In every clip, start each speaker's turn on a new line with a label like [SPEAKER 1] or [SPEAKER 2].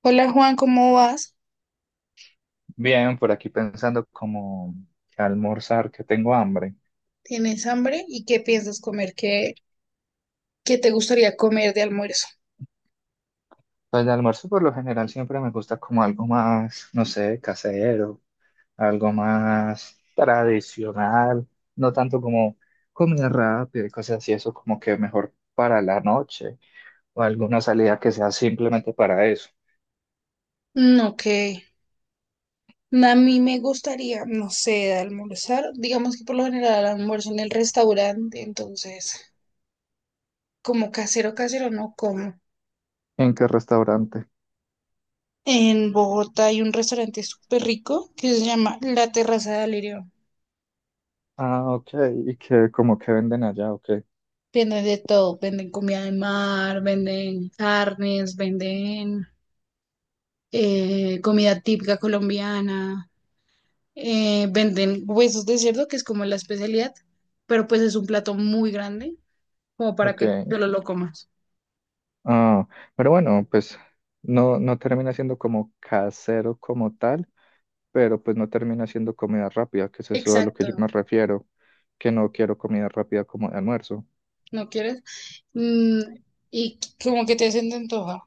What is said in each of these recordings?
[SPEAKER 1] Hola Juan, ¿cómo vas?
[SPEAKER 2] Bien, por aquí pensando como que almorzar, que tengo hambre.
[SPEAKER 1] ¿Tienes hambre? ¿Y qué piensas comer? ¿¿Qué te gustaría comer de almuerzo?
[SPEAKER 2] Pues de almuerzo por lo general siempre me gusta como algo más, no sé, casero, algo más tradicional, no tanto como comida rápida y cosas así, eso como que mejor para la noche o alguna salida que sea simplemente para eso.
[SPEAKER 1] No, que a mí me gustaría, no sé, almorzar. Digamos que por lo general almuerzo en el restaurante, entonces como casero, casero no como.
[SPEAKER 2] ¿En qué restaurante?
[SPEAKER 1] En Bogotá hay un restaurante súper rico que se llama La Terraza de Alirio.
[SPEAKER 2] Ah, ok, y que como que venden allá, ok,
[SPEAKER 1] Venden de todo, venden comida de mar, venden carnes, venden comida típica colombiana. Venden huesos de cerdo, que es como la especialidad, pero pues es un plato muy grande, como para que
[SPEAKER 2] ok.
[SPEAKER 1] solo lo comas.
[SPEAKER 2] Ah, pero bueno, pues no termina siendo como casero como tal, pero pues no termina siendo comida rápida, que es eso a lo que yo
[SPEAKER 1] Exacto,
[SPEAKER 2] me refiero, que no quiero comida rápida como de almuerzo.
[SPEAKER 1] ¿no quieres? Mm, y como que te hacen de antoja.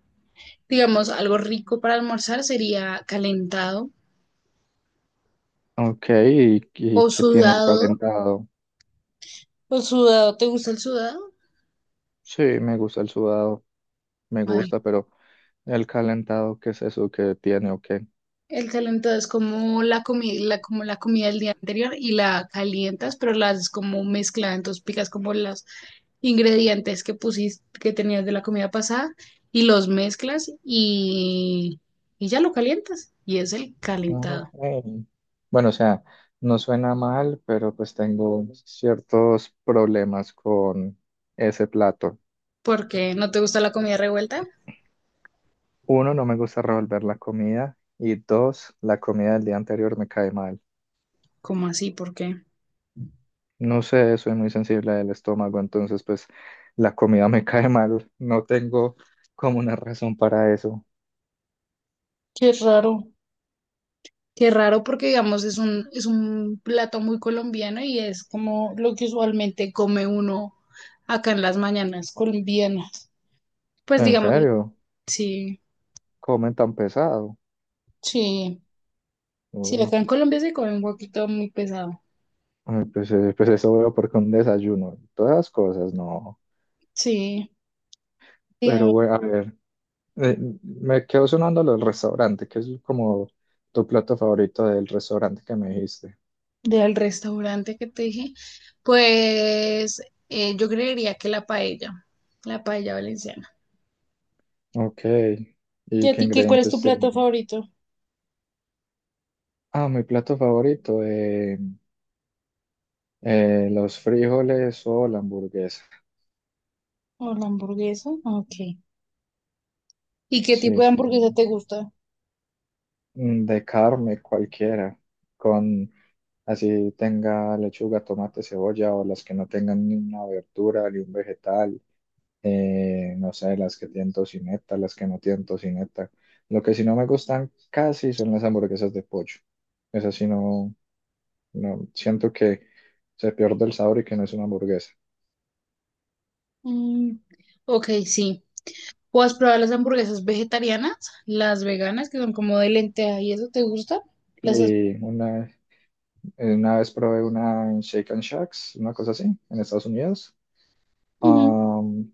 [SPEAKER 1] Digamos, algo rico para almorzar sería calentado
[SPEAKER 2] Ok, ¿y
[SPEAKER 1] o
[SPEAKER 2] qué tiene el
[SPEAKER 1] sudado.
[SPEAKER 2] calentado?
[SPEAKER 1] ¿O sudado? ¿Te gusta el sudado?
[SPEAKER 2] Sí, me gusta el sudado, me
[SPEAKER 1] Madre.
[SPEAKER 2] gusta, pero el calentado, ¿qué es eso que tiene o qué?
[SPEAKER 1] El calentado es como la comida, como la comida del día anterior y la calientas, pero la haces como mezclada, entonces picas como los ingredientes que pusiste, que tenías de la comida pasada y los mezclas y ya lo calientas. Y es el calentado.
[SPEAKER 2] Ok. Bueno, o sea, no suena mal, pero pues tengo ciertos problemas con ese plato.
[SPEAKER 1] ¿Por qué no te gusta la comida revuelta?
[SPEAKER 2] Uno, no me gusta revolver la comida y dos, la comida del día anterior me cae mal.
[SPEAKER 1] ¿Cómo así? ¿Por qué?
[SPEAKER 2] No sé, soy muy sensible del estómago, entonces pues la comida me cae mal. No tengo como una razón para eso.
[SPEAKER 1] Qué raro. Qué raro porque digamos es es un plato muy colombiano y es como lo que usualmente come uno acá en las mañanas colombianas. Pues
[SPEAKER 2] ¿En
[SPEAKER 1] digamos,
[SPEAKER 2] serio,
[SPEAKER 1] sí,
[SPEAKER 2] comen tan pesado?
[SPEAKER 1] sí, sí,
[SPEAKER 2] Uy,
[SPEAKER 1] acá en Colombia se come un poquito muy pesado.
[SPEAKER 2] ay, pues, pues eso veo porque un desayuno, todas las cosas, no.
[SPEAKER 1] Sí,
[SPEAKER 2] Pero
[SPEAKER 1] digamos,
[SPEAKER 2] bueno, a ver, eh, me quedo sonando lo del restaurante, que es como tu plato favorito del restaurante que me dijiste.
[SPEAKER 1] del restaurante que te dije, pues yo creería que la paella valenciana.
[SPEAKER 2] Ok,
[SPEAKER 1] ¿Y
[SPEAKER 2] ¿y
[SPEAKER 1] a
[SPEAKER 2] qué
[SPEAKER 1] ti qué, cuál es tu
[SPEAKER 2] ingredientes
[SPEAKER 1] plato
[SPEAKER 2] tiene?
[SPEAKER 1] favorito?
[SPEAKER 2] Ah, mi plato favorito. Los frijoles o la hamburguesa.
[SPEAKER 1] ¿O la hamburguesa? Ok. ¿Y qué
[SPEAKER 2] Sí,
[SPEAKER 1] tipo de
[SPEAKER 2] es que
[SPEAKER 1] hamburguesa te gusta?
[SPEAKER 2] de carne cualquiera, con así tenga lechuga, tomate, cebolla o las que no tengan ni una verdura ni un vegetal, no sé, las que tienen tocineta, las que no tienen tocineta. Lo que sí no me gustan casi son las hamburguesas de pollo. Esas sí no, no siento que se pierde el sabor y que no es una hamburguesa.
[SPEAKER 1] Mm, ok, sí. ¿O has probado las hamburguesas vegetarianas? Las veganas, que son como de lenteja, ¿y eso te gusta? ¿Las has-
[SPEAKER 2] Y una Una vez probé una en Shake and Shacks, una cosa así, en Estados Unidos.
[SPEAKER 1] Ujú.
[SPEAKER 2] Um,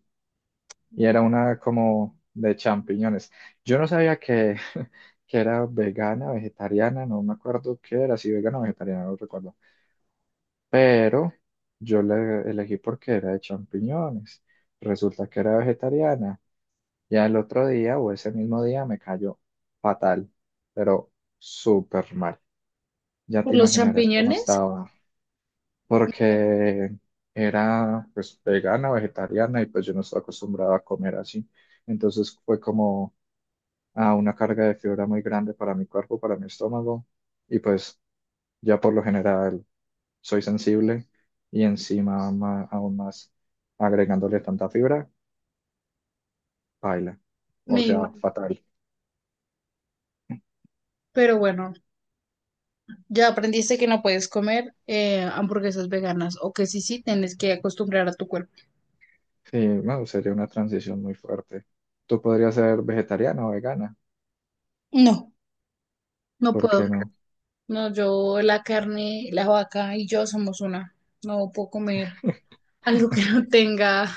[SPEAKER 2] y era una como de champiñones. Yo no sabía que era vegana, vegetariana, no me acuerdo qué era, si vegana o vegetariana, no recuerdo. Pero yo la elegí porque era de champiñones. Resulta que era vegetariana. Ya el otro día o ese mismo día me cayó fatal, pero súper mal. Ya te
[SPEAKER 1] Por los
[SPEAKER 2] imaginarás cómo
[SPEAKER 1] champiñones?
[SPEAKER 2] estaba.
[SPEAKER 1] Me
[SPEAKER 2] Porque era pues vegana, vegetariana y pues yo no estaba acostumbrado a comer así. Entonces fue como ah, una carga de fibra muy grande para mi cuerpo, para mi estómago y pues ya por lo general soy sensible y encima aún más agregándole tanta fibra, baila, o
[SPEAKER 1] me
[SPEAKER 2] sea, fatal.
[SPEAKER 1] Pero bueno, ya aprendiste que no puedes comer hamburguesas veganas o que sí, sí, tienes que acostumbrar a tu cuerpo.
[SPEAKER 2] Sí, bueno sería una transición muy fuerte. Tú podrías ser vegetariana o vegana,
[SPEAKER 1] No, no
[SPEAKER 2] ¿por
[SPEAKER 1] puedo.
[SPEAKER 2] qué no?
[SPEAKER 1] No, yo la carne, la vaca y yo somos una. No puedo comer algo que no tenga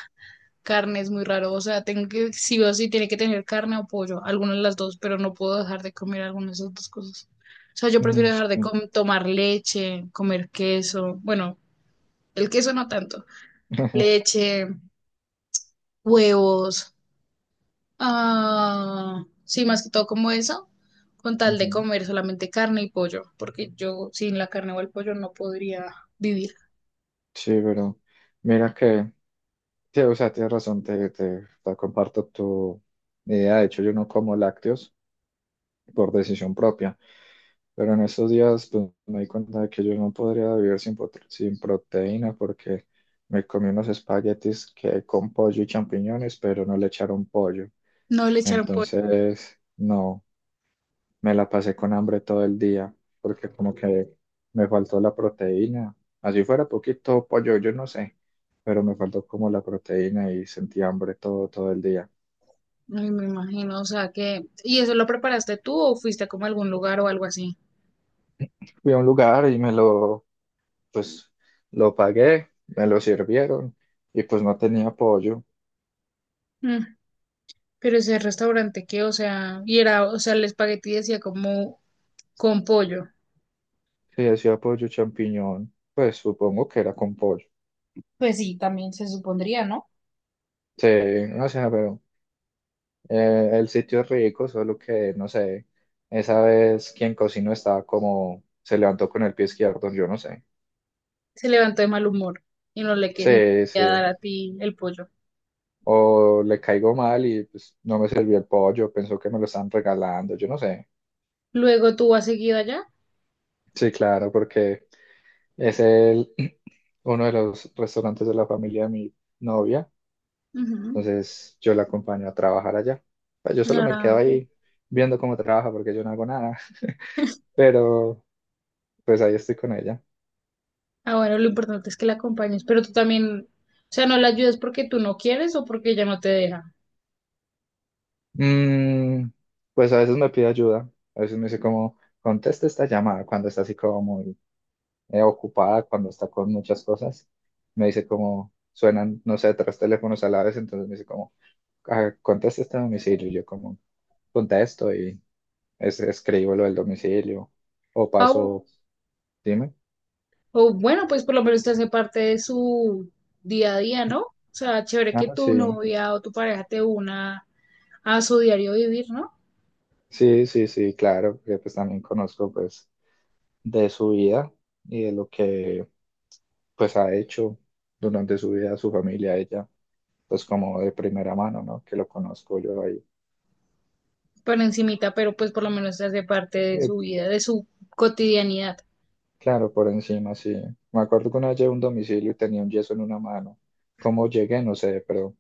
[SPEAKER 1] carne, es muy raro. O sea, tengo que, sí o sí, tiene que tener carne o pollo, alguna de las dos, pero no puedo dejar de comer alguna de esas dos cosas. O sea, yo prefiero
[SPEAKER 2] Mm, sí.
[SPEAKER 1] dejar de com- tomar leche, comer queso, bueno, el queso no tanto, leche, huevos. Ah, sí, más que todo como eso, con tal de
[SPEAKER 2] Ujú.
[SPEAKER 1] comer solamente carne y pollo, porque yo sin la carne o el pollo no podría vivir.
[SPEAKER 2] Sí, pero mira que, sí, o sea, tienes razón, te comparto tu idea. De hecho, yo no como lácteos por decisión propia, pero en estos días pues, me di cuenta de que yo no podría vivir sin proteína porque me comí unos espaguetis que con pollo y champiñones, pero no le echaron pollo.
[SPEAKER 1] No le echaron pollo.
[SPEAKER 2] Entonces, no. Me la pasé con hambre todo el día porque como que me faltó la proteína. Así fuera poquito pollo, yo no sé, pero me faltó como la proteína y sentí hambre todo el día.
[SPEAKER 1] Ay, me imagino, o sea que... ¿Y eso lo preparaste tú o fuiste como a algún lugar o algo así?
[SPEAKER 2] Fui a un lugar y me pues, lo pagué, me lo sirvieron y pues no tenía pollo.
[SPEAKER 1] Mm, pero ese restaurante que, o sea, y era, o sea, el espagueti decía como con pollo.
[SPEAKER 2] Sí, decía pollo champiñón, pues supongo que era con pollo.
[SPEAKER 1] Pues sí, también se supondría, ¿no?
[SPEAKER 2] Sí, no sé, pero el sitio es rico, solo que no sé, esa vez quien cocinó estaba como se levantó con el pie izquierdo, yo no sé.
[SPEAKER 1] Se levantó de mal humor y no le quería
[SPEAKER 2] Sí,
[SPEAKER 1] dar
[SPEAKER 2] sí.
[SPEAKER 1] a ti el pollo.
[SPEAKER 2] O le caigo mal y pues no me sirvió el pollo, pensó que me lo estaban regalando, yo no sé.
[SPEAKER 1] Luego tú has seguido allá.
[SPEAKER 2] Sí, claro, porque es el uno de los restaurantes de la familia de mi novia,
[SPEAKER 1] Ujú.
[SPEAKER 2] entonces yo la acompaño a trabajar allá. Pues yo solo me
[SPEAKER 1] Ah,
[SPEAKER 2] quedo
[SPEAKER 1] ok.
[SPEAKER 2] ahí viendo cómo trabaja porque yo no hago nada, pero pues ahí estoy con ella.
[SPEAKER 1] Ah, bueno, lo importante es que la acompañes, pero tú también, o sea, no la ayudas porque tú no quieres o porque ella no te deja.
[SPEAKER 2] Mm, pues a veces me pide ayuda, a veces me dice como, contesta esta llamada cuando está así como muy ocupada, cuando está con muchas cosas. Me dice como, suenan, no sé, tres teléfonos a la vez, entonces me dice como, "Ah, contesta este domicilio". Y yo como, contesto y escribo lo del domicilio o
[SPEAKER 1] Ah, O,
[SPEAKER 2] paso, dime.
[SPEAKER 1] o bueno, pues por lo menos te hace parte de su día a día, ¿no? O sea, chévere que
[SPEAKER 2] Ah,
[SPEAKER 1] tu
[SPEAKER 2] sí,
[SPEAKER 1] novia o tu pareja te una a su diario vivir, ¿no?
[SPEAKER 2] sí, sí, sí, claro, porque pues también conozco pues de su vida y de lo que pues ha hecho durante su vida, su familia, ella. Pues como de primera mano, ¿no? Que lo conozco yo ahí.
[SPEAKER 1] Por encimita, pero pues por lo menos te hace parte de
[SPEAKER 2] Eh,
[SPEAKER 1] su vida, de su cotidianidad.
[SPEAKER 2] claro, por encima, sí. Me acuerdo que una vez llegué a un domicilio y tenía un yeso en una mano. ¿Cómo llegué? No sé, pero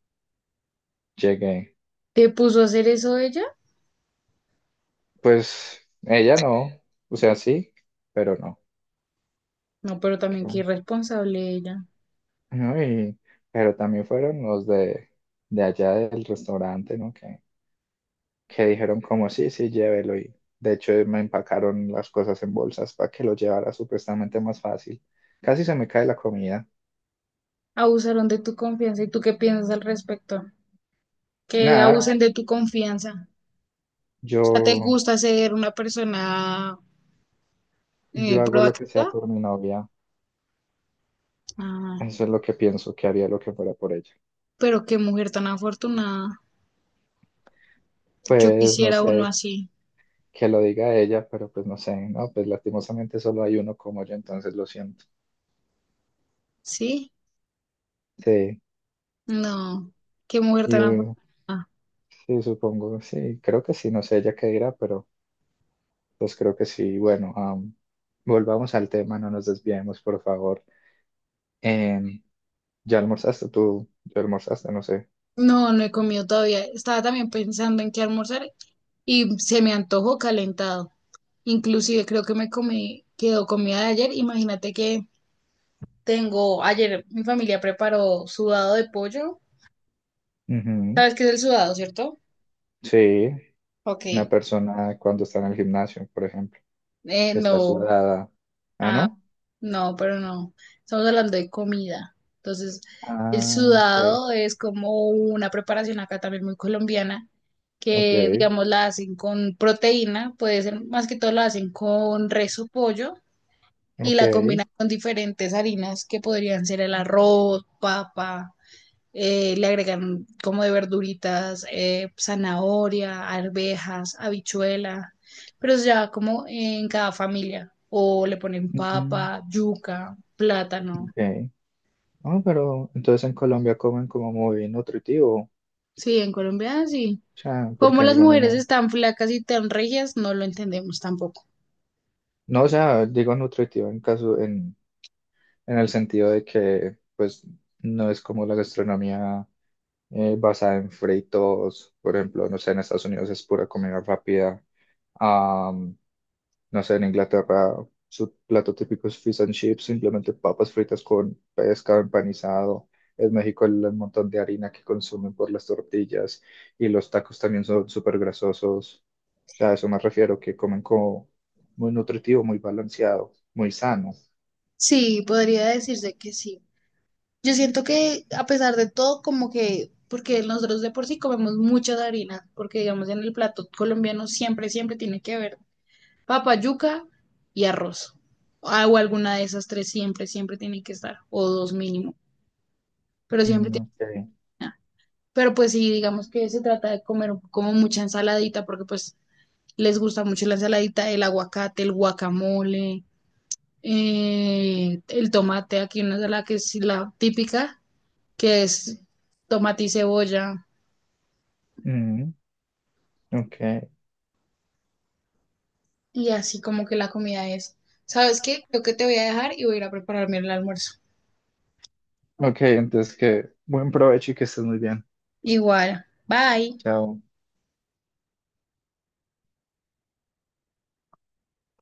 [SPEAKER 2] llegué.
[SPEAKER 1] ¿Te puso a hacer eso ella?
[SPEAKER 2] Pues ella no, o sea, sí, pero no.
[SPEAKER 1] No, pero
[SPEAKER 2] Qué
[SPEAKER 1] también qué
[SPEAKER 2] bo-
[SPEAKER 1] irresponsable ella.
[SPEAKER 2] No, pero también fueron los de allá del restaurante, ¿no? Que dijeron como, sí, sí, llévelo. Y de hecho me empacaron las cosas en bolsas para que lo llevara supuestamente más fácil. Casi se me cae la comida.
[SPEAKER 1] Abusaron de tu confianza. ¿Y tú qué piensas al respecto? Que
[SPEAKER 2] Nada,
[SPEAKER 1] abusen de tu confianza.
[SPEAKER 2] yo
[SPEAKER 1] Sea, ¿te gusta ser una persona
[SPEAKER 2] yo hago lo que sea
[SPEAKER 1] proactiva?
[SPEAKER 2] por mi novia.
[SPEAKER 1] Ah,
[SPEAKER 2] Eso es lo que pienso, que haría lo que fuera por ella.
[SPEAKER 1] pero qué mujer tan afortunada. Yo
[SPEAKER 2] Pues no
[SPEAKER 1] quisiera uno
[SPEAKER 2] sé
[SPEAKER 1] así,
[SPEAKER 2] que lo diga ella, pero pues no sé, ¿no? Pues lastimosamente solo hay uno como yo, entonces lo siento.
[SPEAKER 1] ¿sí?
[SPEAKER 2] Sí,
[SPEAKER 1] No, qué mujer
[SPEAKER 2] y
[SPEAKER 1] tan
[SPEAKER 2] uh,
[SPEAKER 1] afortunada.
[SPEAKER 2] sí, supongo, sí, creo que sí, no sé ella qué dirá, pero pues creo que sí. Bueno, volvamos al tema, no nos desviemos, por favor. Em, ¿Ya almorzaste tú? ¿Ya almorzaste? No sé.
[SPEAKER 1] No, no he comido todavía. Estaba también pensando en qué almorzar y se me antojó calentado. Inclusive creo que me comí, quedó comida de ayer. Imagínate que tengo, ayer mi familia preparó sudado de pollo.
[SPEAKER 2] Ujú.
[SPEAKER 1] ¿Sabes qué es el sudado, cierto?
[SPEAKER 2] Sí,
[SPEAKER 1] Ok,
[SPEAKER 2] una persona cuando está en el gimnasio, por ejemplo. Que está
[SPEAKER 1] no.
[SPEAKER 2] sudada. Ah,
[SPEAKER 1] Ah,
[SPEAKER 2] ¿no?
[SPEAKER 1] no, pero no. Estamos hablando de comida. Entonces, el
[SPEAKER 2] Ah, ok,
[SPEAKER 1] sudado es como una preparación acá también muy colombiana,
[SPEAKER 2] ok,
[SPEAKER 1] que digamos la hacen con proteína, puede ser más que todo la hacen con res o pollo y
[SPEAKER 2] ok.
[SPEAKER 1] la combinan con diferentes harinas que podrían ser el arroz, papa. Le agregan como de verduritas, zanahoria, arvejas, habichuela, pero es ya como en cada familia. O le ponen
[SPEAKER 2] Ujú,
[SPEAKER 1] papa, yuca, plátano.
[SPEAKER 2] ok. Ah, pero entonces en Colombia comen como muy nutritivo. O
[SPEAKER 1] Sí, en Colombia sí.
[SPEAKER 2] sea,
[SPEAKER 1] Como
[SPEAKER 2] porque
[SPEAKER 1] las
[SPEAKER 2] digamos
[SPEAKER 1] mujeres
[SPEAKER 2] no.
[SPEAKER 1] están flacas y tan regias, no lo entendemos tampoco.
[SPEAKER 2] No, o sea, digo nutritivo en caso, en el sentido de que pues no es como la gastronomía. Basada en fritos, por ejemplo, no sé, en Estados Unidos es pura comida rápida, am, no sé, en Inglaterra su plato típico es fish and chips, simplemente papas fritas con pescado empanizado. En México el montón de harina que consumen por las tortillas y los tacos también son súper grasosos. O sea, a eso me refiero, que comen como muy nutritivo, muy balanceado, muy sano.
[SPEAKER 1] Sí, podría decirse que sí. Yo siento que a pesar de todo, como que, porque nosotros de por sí comemos muchas harinas, porque digamos en el plato colombiano siempre, siempre tiene que haber papa, yuca y arroz. O alguna de esas tres siempre, siempre tiene que estar, o dos mínimo, pero siempre
[SPEAKER 2] Mm,
[SPEAKER 1] tiene
[SPEAKER 2] ok.
[SPEAKER 1] que estar. Pero pues sí, digamos que se trata de comer como mucha ensaladita, porque pues les gusta mucho la ensaladita, el aguacate, el guacamole, el tomate, aquí una de las que es la típica, que es tomate y cebolla,
[SPEAKER 2] Mm, ok.
[SPEAKER 1] y así como que la comida es. ¿Sabes qué? Creo que te voy a dejar y voy a ir a prepararme el almuerzo.
[SPEAKER 2] Ok, entonces que buen provecho y que estés muy bien.
[SPEAKER 1] Igual, bye.
[SPEAKER 2] Chao.